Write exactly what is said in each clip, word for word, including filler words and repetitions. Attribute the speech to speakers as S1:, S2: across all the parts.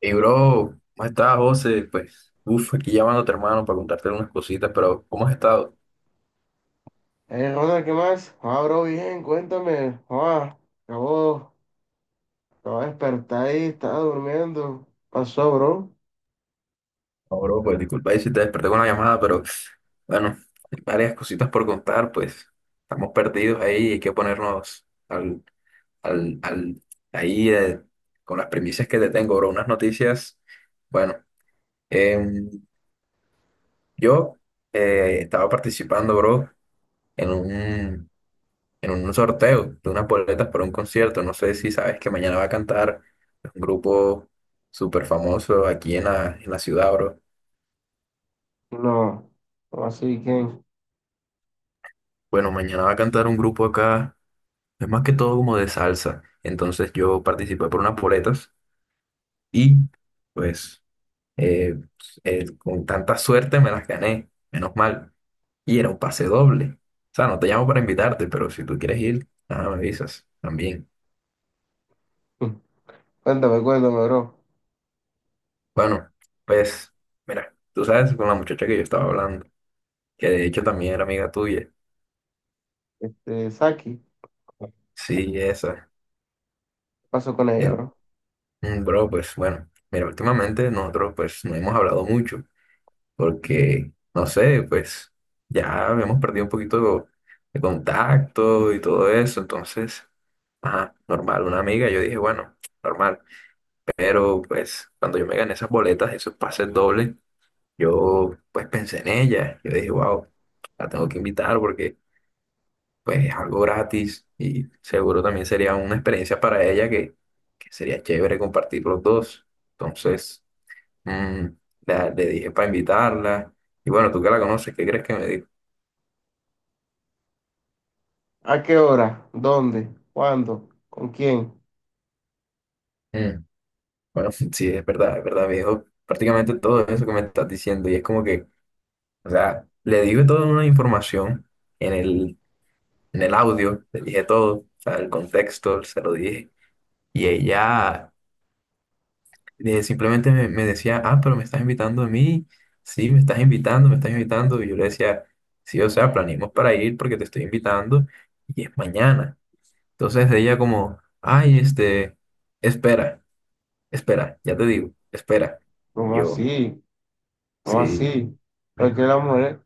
S1: Y bro, ¿cómo estás, José? Pues, uff, aquí llamando a tu hermano para contarte unas cositas, pero ¿cómo has estado?
S2: Eh, Ronald, ¿qué más? Ah, bro, bien, cuéntame. Ah, acabo, Acabo de despertar, ahí estaba durmiendo. ¿Pasó, bro?
S1: No, bro, pues disculpa ahí si te desperté con la llamada, pero bueno, hay varias cositas por contar, pues estamos perdidos ahí, hay que ponernos al, al, al, ahí eh, con las premisas que te tengo, bro, unas noticias. Bueno, em, yo eh, estaba participando, bro, en un, en un sorteo de unas boletas para un concierto. No sé si sabes que mañana va a cantar un grupo súper famoso aquí en la, en la ciudad, bro.
S2: No, no así, ¿quién?
S1: Bueno, mañana va a cantar un grupo acá, es más que todo como de salsa. Entonces yo participé por unas boletas y pues eh, eh, con tanta suerte me las gané, menos mal. Y era un pase doble. O sea, no te llamo para invitarte, pero si tú quieres ir, nada, me avisas también.
S2: Cuéntame, cuéntame, bro.
S1: Bueno, pues mira, tú sabes con la muchacha que yo estaba hablando, que de hecho también era amiga tuya.
S2: Este, Saki, ¿qué
S1: Sí, esa.
S2: pasó con ella,
S1: En-
S2: bro?
S1: mm, bro, pues bueno, mira, últimamente nosotros pues no hemos hablado mucho porque, no sé, pues ya hemos perdido un poquito de contacto y todo eso, entonces, ajá, normal, una amiga, yo dije, bueno, normal, pero pues cuando yo me gané esas boletas, esos pases dobles, yo pues pensé en ella, yo dije, wow, la tengo que invitar porque pues es algo gratis y seguro también sería una experiencia para ella que, que sería chévere compartir los dos. Entonces, mm, la- le dije para invitarla y bueno, tú que la conoces, ¿qué crees que me dijo?
S2: ¿A qué hora? ¿Dónde? ¿Cuándo? ¿Con quién?
S1: Mm. Bueno, sí, es verdad, es verdad, me dijo prácticamente todo eso que me estás diciendo y es como que, o sea, le dije toda una información en el, en el audio, le dije todo, o sea, el contexto, se lo dije y ella eh, simplemente me, me decía, ah, pero me estás invitando a mí, sí, me estás invitando, me estás invitando. Y yo le decía, sí, o sea, planeamos para ir porque te estoy invitando y es mañana. Entonces ella como, ay, este, espera, espera, ya te digo, espera.
S2: ¿Cómo
S1: Yo,
S2: así? ¿Cómo
S1: sí,
S2: así? ¿Por qué la mujer?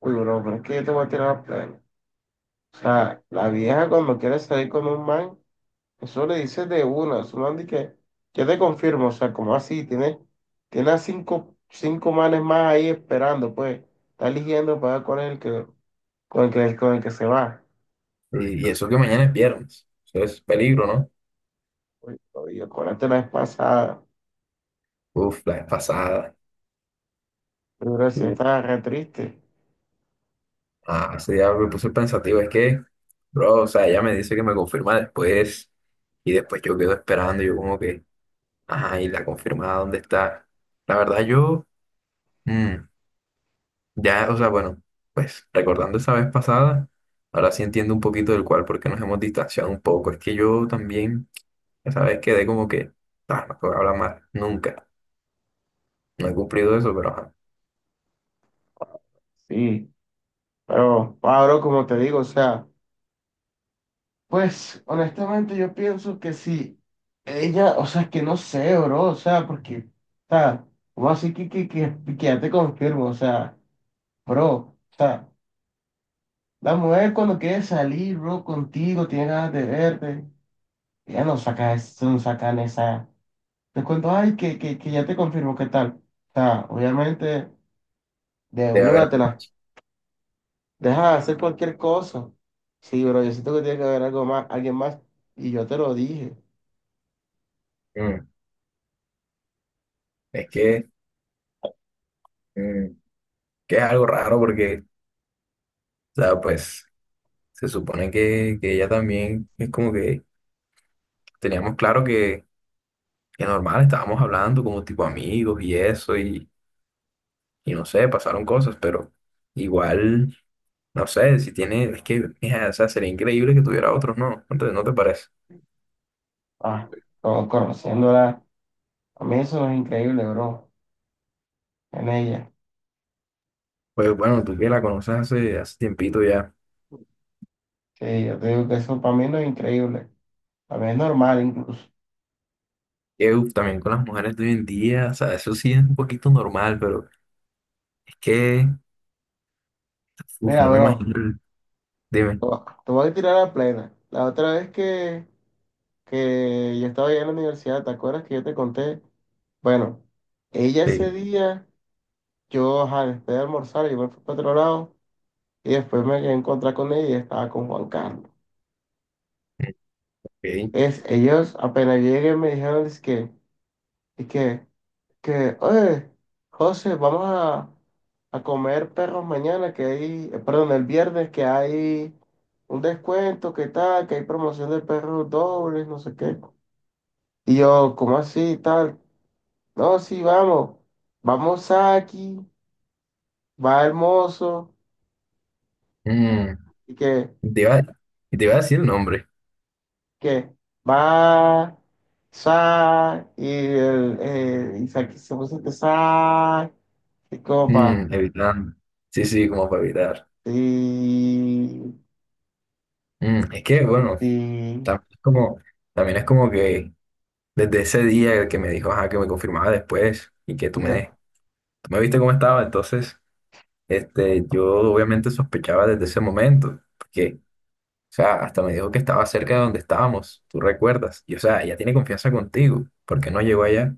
S2: Uy, bro, pero es que yo te voy a tirar la plana. O sea, la vieja cuando quiere salir con un man. Eso le dice de una, eso no anda y que yo te confirmo, o sea, como así, tiene, tiene a cinco, cinco manes más ahí esperando, pues, está eligiendo para ver cuál es el que, con el que, con el que se va.
S1: y, y eso que mañana es viernes, eso es peligro, ¿no?
S2: Oye, oye, acuérdate la vez pasada,
S1: Uf, la vez pasada.
S2: pero sí
S1: Uf,
S2: estaba re triste.
S1: ah, ese día me puse pensativo, es que, bro, o sea, ella me dice que me confirma después y después yo quedo esperando, yo como que... Ah, ¿y la confirmada, dónde está? La verdad, yo, mm, ya, o sea, bueno, pues recordando esa vez pasada, ahora sí entiendo un poquito del cual, porque nos hemos distanciado un poco. Es que yo también, esa vez quedé como que, ah, no puedo hablar más, nunca. No he cumplido eso, pero ajá,
S2: Sí, pero Pablo, como te digo, o sea, pues, honestamente yo pienso que sí, ella, o sea, que no sé, bro, o sea, porque, o sea, como así que, que, que, que ya te confirmo, o sea, bro, o sea. La mujer cuando quiere salir, bro, contigo, tiene ganas de verte, ya no saca eso, no sacan esa. Te cuento, ay, que, que, que ya te confirmo qué tal. O sea, obviamente, de
S1: debe haber
S2: una te
S1: algo.
S2: la deja hacer cualquier cosa. Sí, pero yo siento que tiene que haber algo más, alguien más. Y yo te lo dije.
S1: Mm, es que, mm, que es algo raro, porque, o sea, pues, se supone que, que ella también es como que teníamos claro que, que normal, estábamos hablando como tipo amigos y eso. Y no sé, pasaron cosas, pero igual, no sé, si tiene, es que, mija, o sea, sería increíble que tuviera otros, ¿no? ¿No te, no te parece?
S2: Ah, como conociéndola. A mí eso no es increíble, bro. En ella.
S1: Pues bueno, tú que la conoces hace, hace tiempito ya,
S2: Sí, yo te digo que eso para mí no es increíble. Para mí es normal incluso.
S1: que uf, también con las mujeres de hoy en día, o sea, eso sí es un poquito normal, pero es que, uf,
S2: Mira,
S1: no me
S2: bro,
S1: imagino el- Dime,
S2: te voy a te voy a tirar a plena. La otra vez que que yo estaba allá en la universidad, ¿te acuerdas que yo te conté? Bueno, ella ese
S1: sí,
S2: día, yo, ajá, después de almorzar, yo me fui para otro lado y después me quedé a encontrar con ella y estaba con Juan Carlos.
S1: ok.
S2: Es, ellos apenas llegué me dijeron es que, es que, que, oye, José, vamos a, a comer perros mañana, que hay, eh, perdón, el viernes que hay un descuento, que tal, que hay promoción de perros dobles, no sé qué. Y yo, ¿cómo así, tal? No, sí, vamos. Vamos aquí, va hermoso,
S1: Mm,
S2: y que,
S1: te iba, te iba a decir el nombre,
S2: que, va, sa, y el, eh, y sa- se puso este sa, y copa,
S1: mm, evitando, sí, sí, como para evitar.
S2: y,
S1: Mm, es que, bueno,
S2: y,
S1: también es como, también es como que... Desde ese día que me dijo, ajá, que me confirmaba después y que tú
S2: y de-
S1: me, tú me viste cómo estaba, entonces, este, yo obviamente sospechaba desde ese momento, porque, o sea, hasta me dijo que estaba cerca de donde estábamos, tú recuerdas, y o sea, ella tiene confianza contigo, ¿por qué no llegó allá?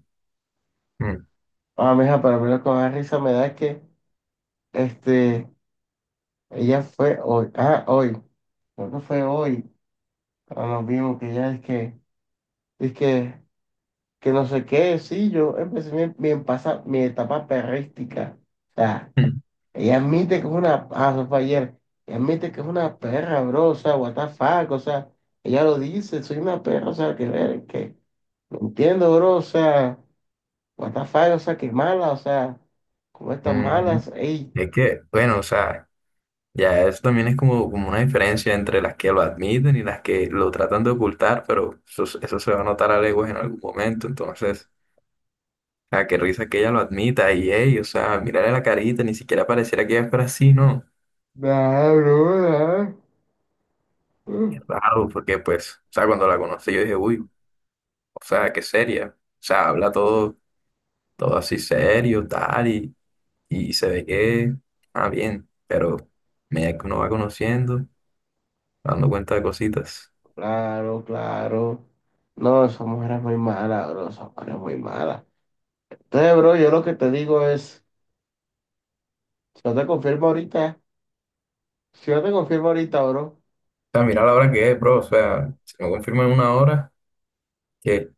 S1: Mm,
S2: ah, mija, para mí lo que más risa me da es que, este, ella fue hoy, ah, hoy, creo que fue hoy, cuando nos vimos que ella es que, es que, que no sé qué, sí, yo empecé mi, mi, pasa- mi etapa perrística. O sea,
S1: mm,
S2: ella admite que es una, ah, eso fue ayer, ella admite que es una perra, bro, o sea, what the fuck, o sea, ella lo dice, soy una perra, o sea, que ver, que no entiendo, bro, o sea, what the fuck, o sea, que mala, o sea, como
S1: mm.
S2: estas
S1: mm.
S2: malas, ey,
S1: Es que, bueno, o sea, ya eso también es como, como una diferencia entre las que lo admiten y las que lo tratan de ocultar, pero eso, eso se va a notar a leguas en algún momento, entonces... Ah, qué risa que ella lo admita y ey, o sea, mirarle la carita, ni siquiera pareciera que ella fuera así, ¿no?
S2: nah, bro, nah, uh,
S1: Qué raro, porque pues, o sea, cuando la conocí yo dije, uy, o sea, qué seria. O sea, habla todo, todo así serio, tal, y, y se ve que, ah, bien, pero me uno va conociendo, dando cuenta de cositas.
S2: claro, claro. No, esa mujer es muy mala, bro, esa mujer es muy mala. Entonces, bro, yo lo que te digo es. Si no te confirmo ahorita, si no te confirmo ahorita, bro.
S1: O sea, mira la hora que es, bro, o sea, si me confirman en una hora, qué,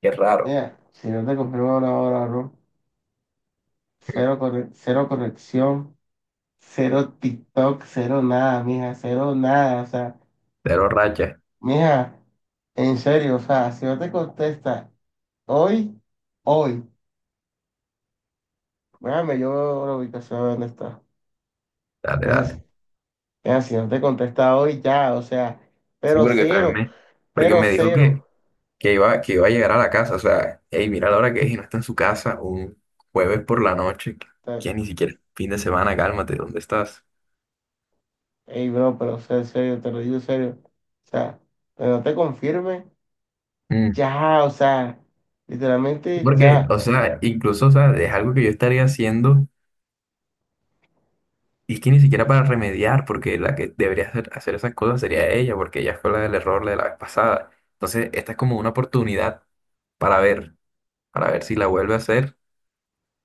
S1: qué raro.
S2: Mira, si no te confirmo ahora, ahora, bro. Cero, corre- cero corrección, cero TikTok, cero nada, mija, cero nada. O sea,
S1: Pero racha,
S2: mija, en serio, o sea, si no te contesta hoy, hoy, déjame yo veo la ubicación de dónde está.
S1: dale,
S2: Mija, si
S1: dale.
S2: mija, si no te contesta hoy, ya, o sea,
S1: Sí,
S2: pero
S1: porque también
S2: cero,
S1: me, porque
S2: pero
S1: me dijo
S2: cero.
S1: que que iba, que iba a llegar a la casa. O sea, hey, mira la hora que es y no está en su casa un jueves por la noche,
S2: O sea,
S1: que ni siquiera es fin de semana, cálmate, ¿dónde estás?
S2: ey, bro, pero o sea, en serio, te lo digo en serio. O sea, pero no te confirme.
S1: Mm.
S2: Ya, o sea, literalmente
S1: Porque,
S2: ya.
S1: o sea, incluso, o sea, es algo que yo estaría haciendo y es que ni siquiera para remediar, porque la que debería hacer, hacer esas cosas sería ella, porque ella fue la del error de la vez pasada. Entonces, esta es como una oportunidad para ver, para ver si la vuelve a hacer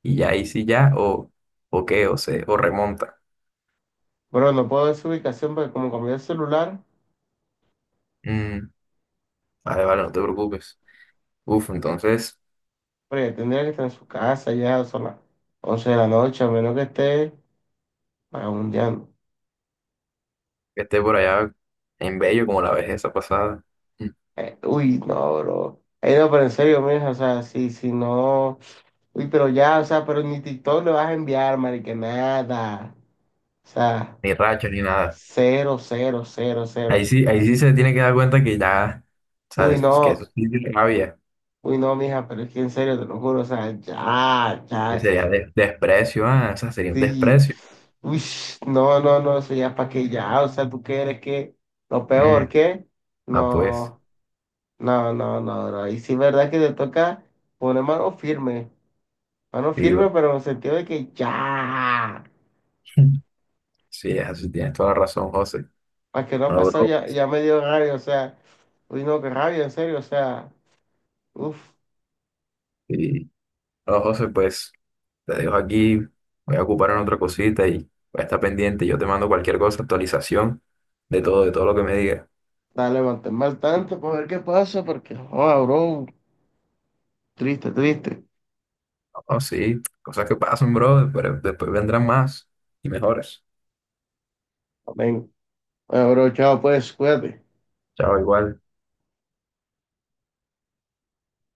S1: y ya ahí sí ya, o, o qué, o se, o remonta.
S2: Bueno, no puedo ver su ubicación porque como cambié el celular,
S1: Mm, vale, vale, no te preocupes. Uf, entonces,
S2: pero ya tendría que estar en su casa ya, son las once de la noche, a menos que esté vagabundeando.
S1: que esté por allá en Bello como la vez esa pasada. Mm.
S2: Eh, uy, no, bro. Eh, no, pero en serio, mija, o sea, si, si no... Uy, pero ya, o sea, pero ni TikTok le vas a enviar, marica, nada. O sea,
S1: Ni racha ni nada.
S2: cero, cero, cero,
S1: Ahí
S2: cero.
S1: sí, ahí sí se tiene que dar cuenta que ya,
S2: Uy,
S1: sabes, que eso
S2: no,
S1: sí es rabia,
S2: uy, no, mija, pero es que en serio, te lo juro, o sea, ya,
S1: que
S2: ya.
S1: sería de- desprecio, ah, o sea, sería un
S2: Sí.
S1: desprecio.
S2: Uy, no, no, no, eso ya para que ya, o sea, tú quieres que lo
S1: Mm.
S2: peor que,
S1: Ah, pues,
S2: no, no, no, no, no, y sí verdad que te toca poner mano firme, mano
S1: sí,
S2: firme,
S1: bueno.
S2: pero en el sentido de que ya,
S1: sí, eso sí, tienes toda la razón, José.
S2: para que no ha
S1: Bueno,
S2: pasado,
S1: bro,
S2: ya, ya me dio rabia, o sea, uy, no, qué rabia, en serio, o sea, uff,
S1: sí. Bueno, José, pues, te dejo aquí, voy a ocupar en otra cosita y voy a estar pendiente. Yo te mando cualquier cosa, actualización de todo, de todo lo que me digas.
S2: dale, manténme al tanto para ver qué pasa, porque, oh, bro, triste, triste.
S1: Oh, sí, cosas que pasan, bro, pero después vendrán más y mejores.
S2: Amén. Bueno, bro, chao, pues, cuídate.
S1: Chao, igual.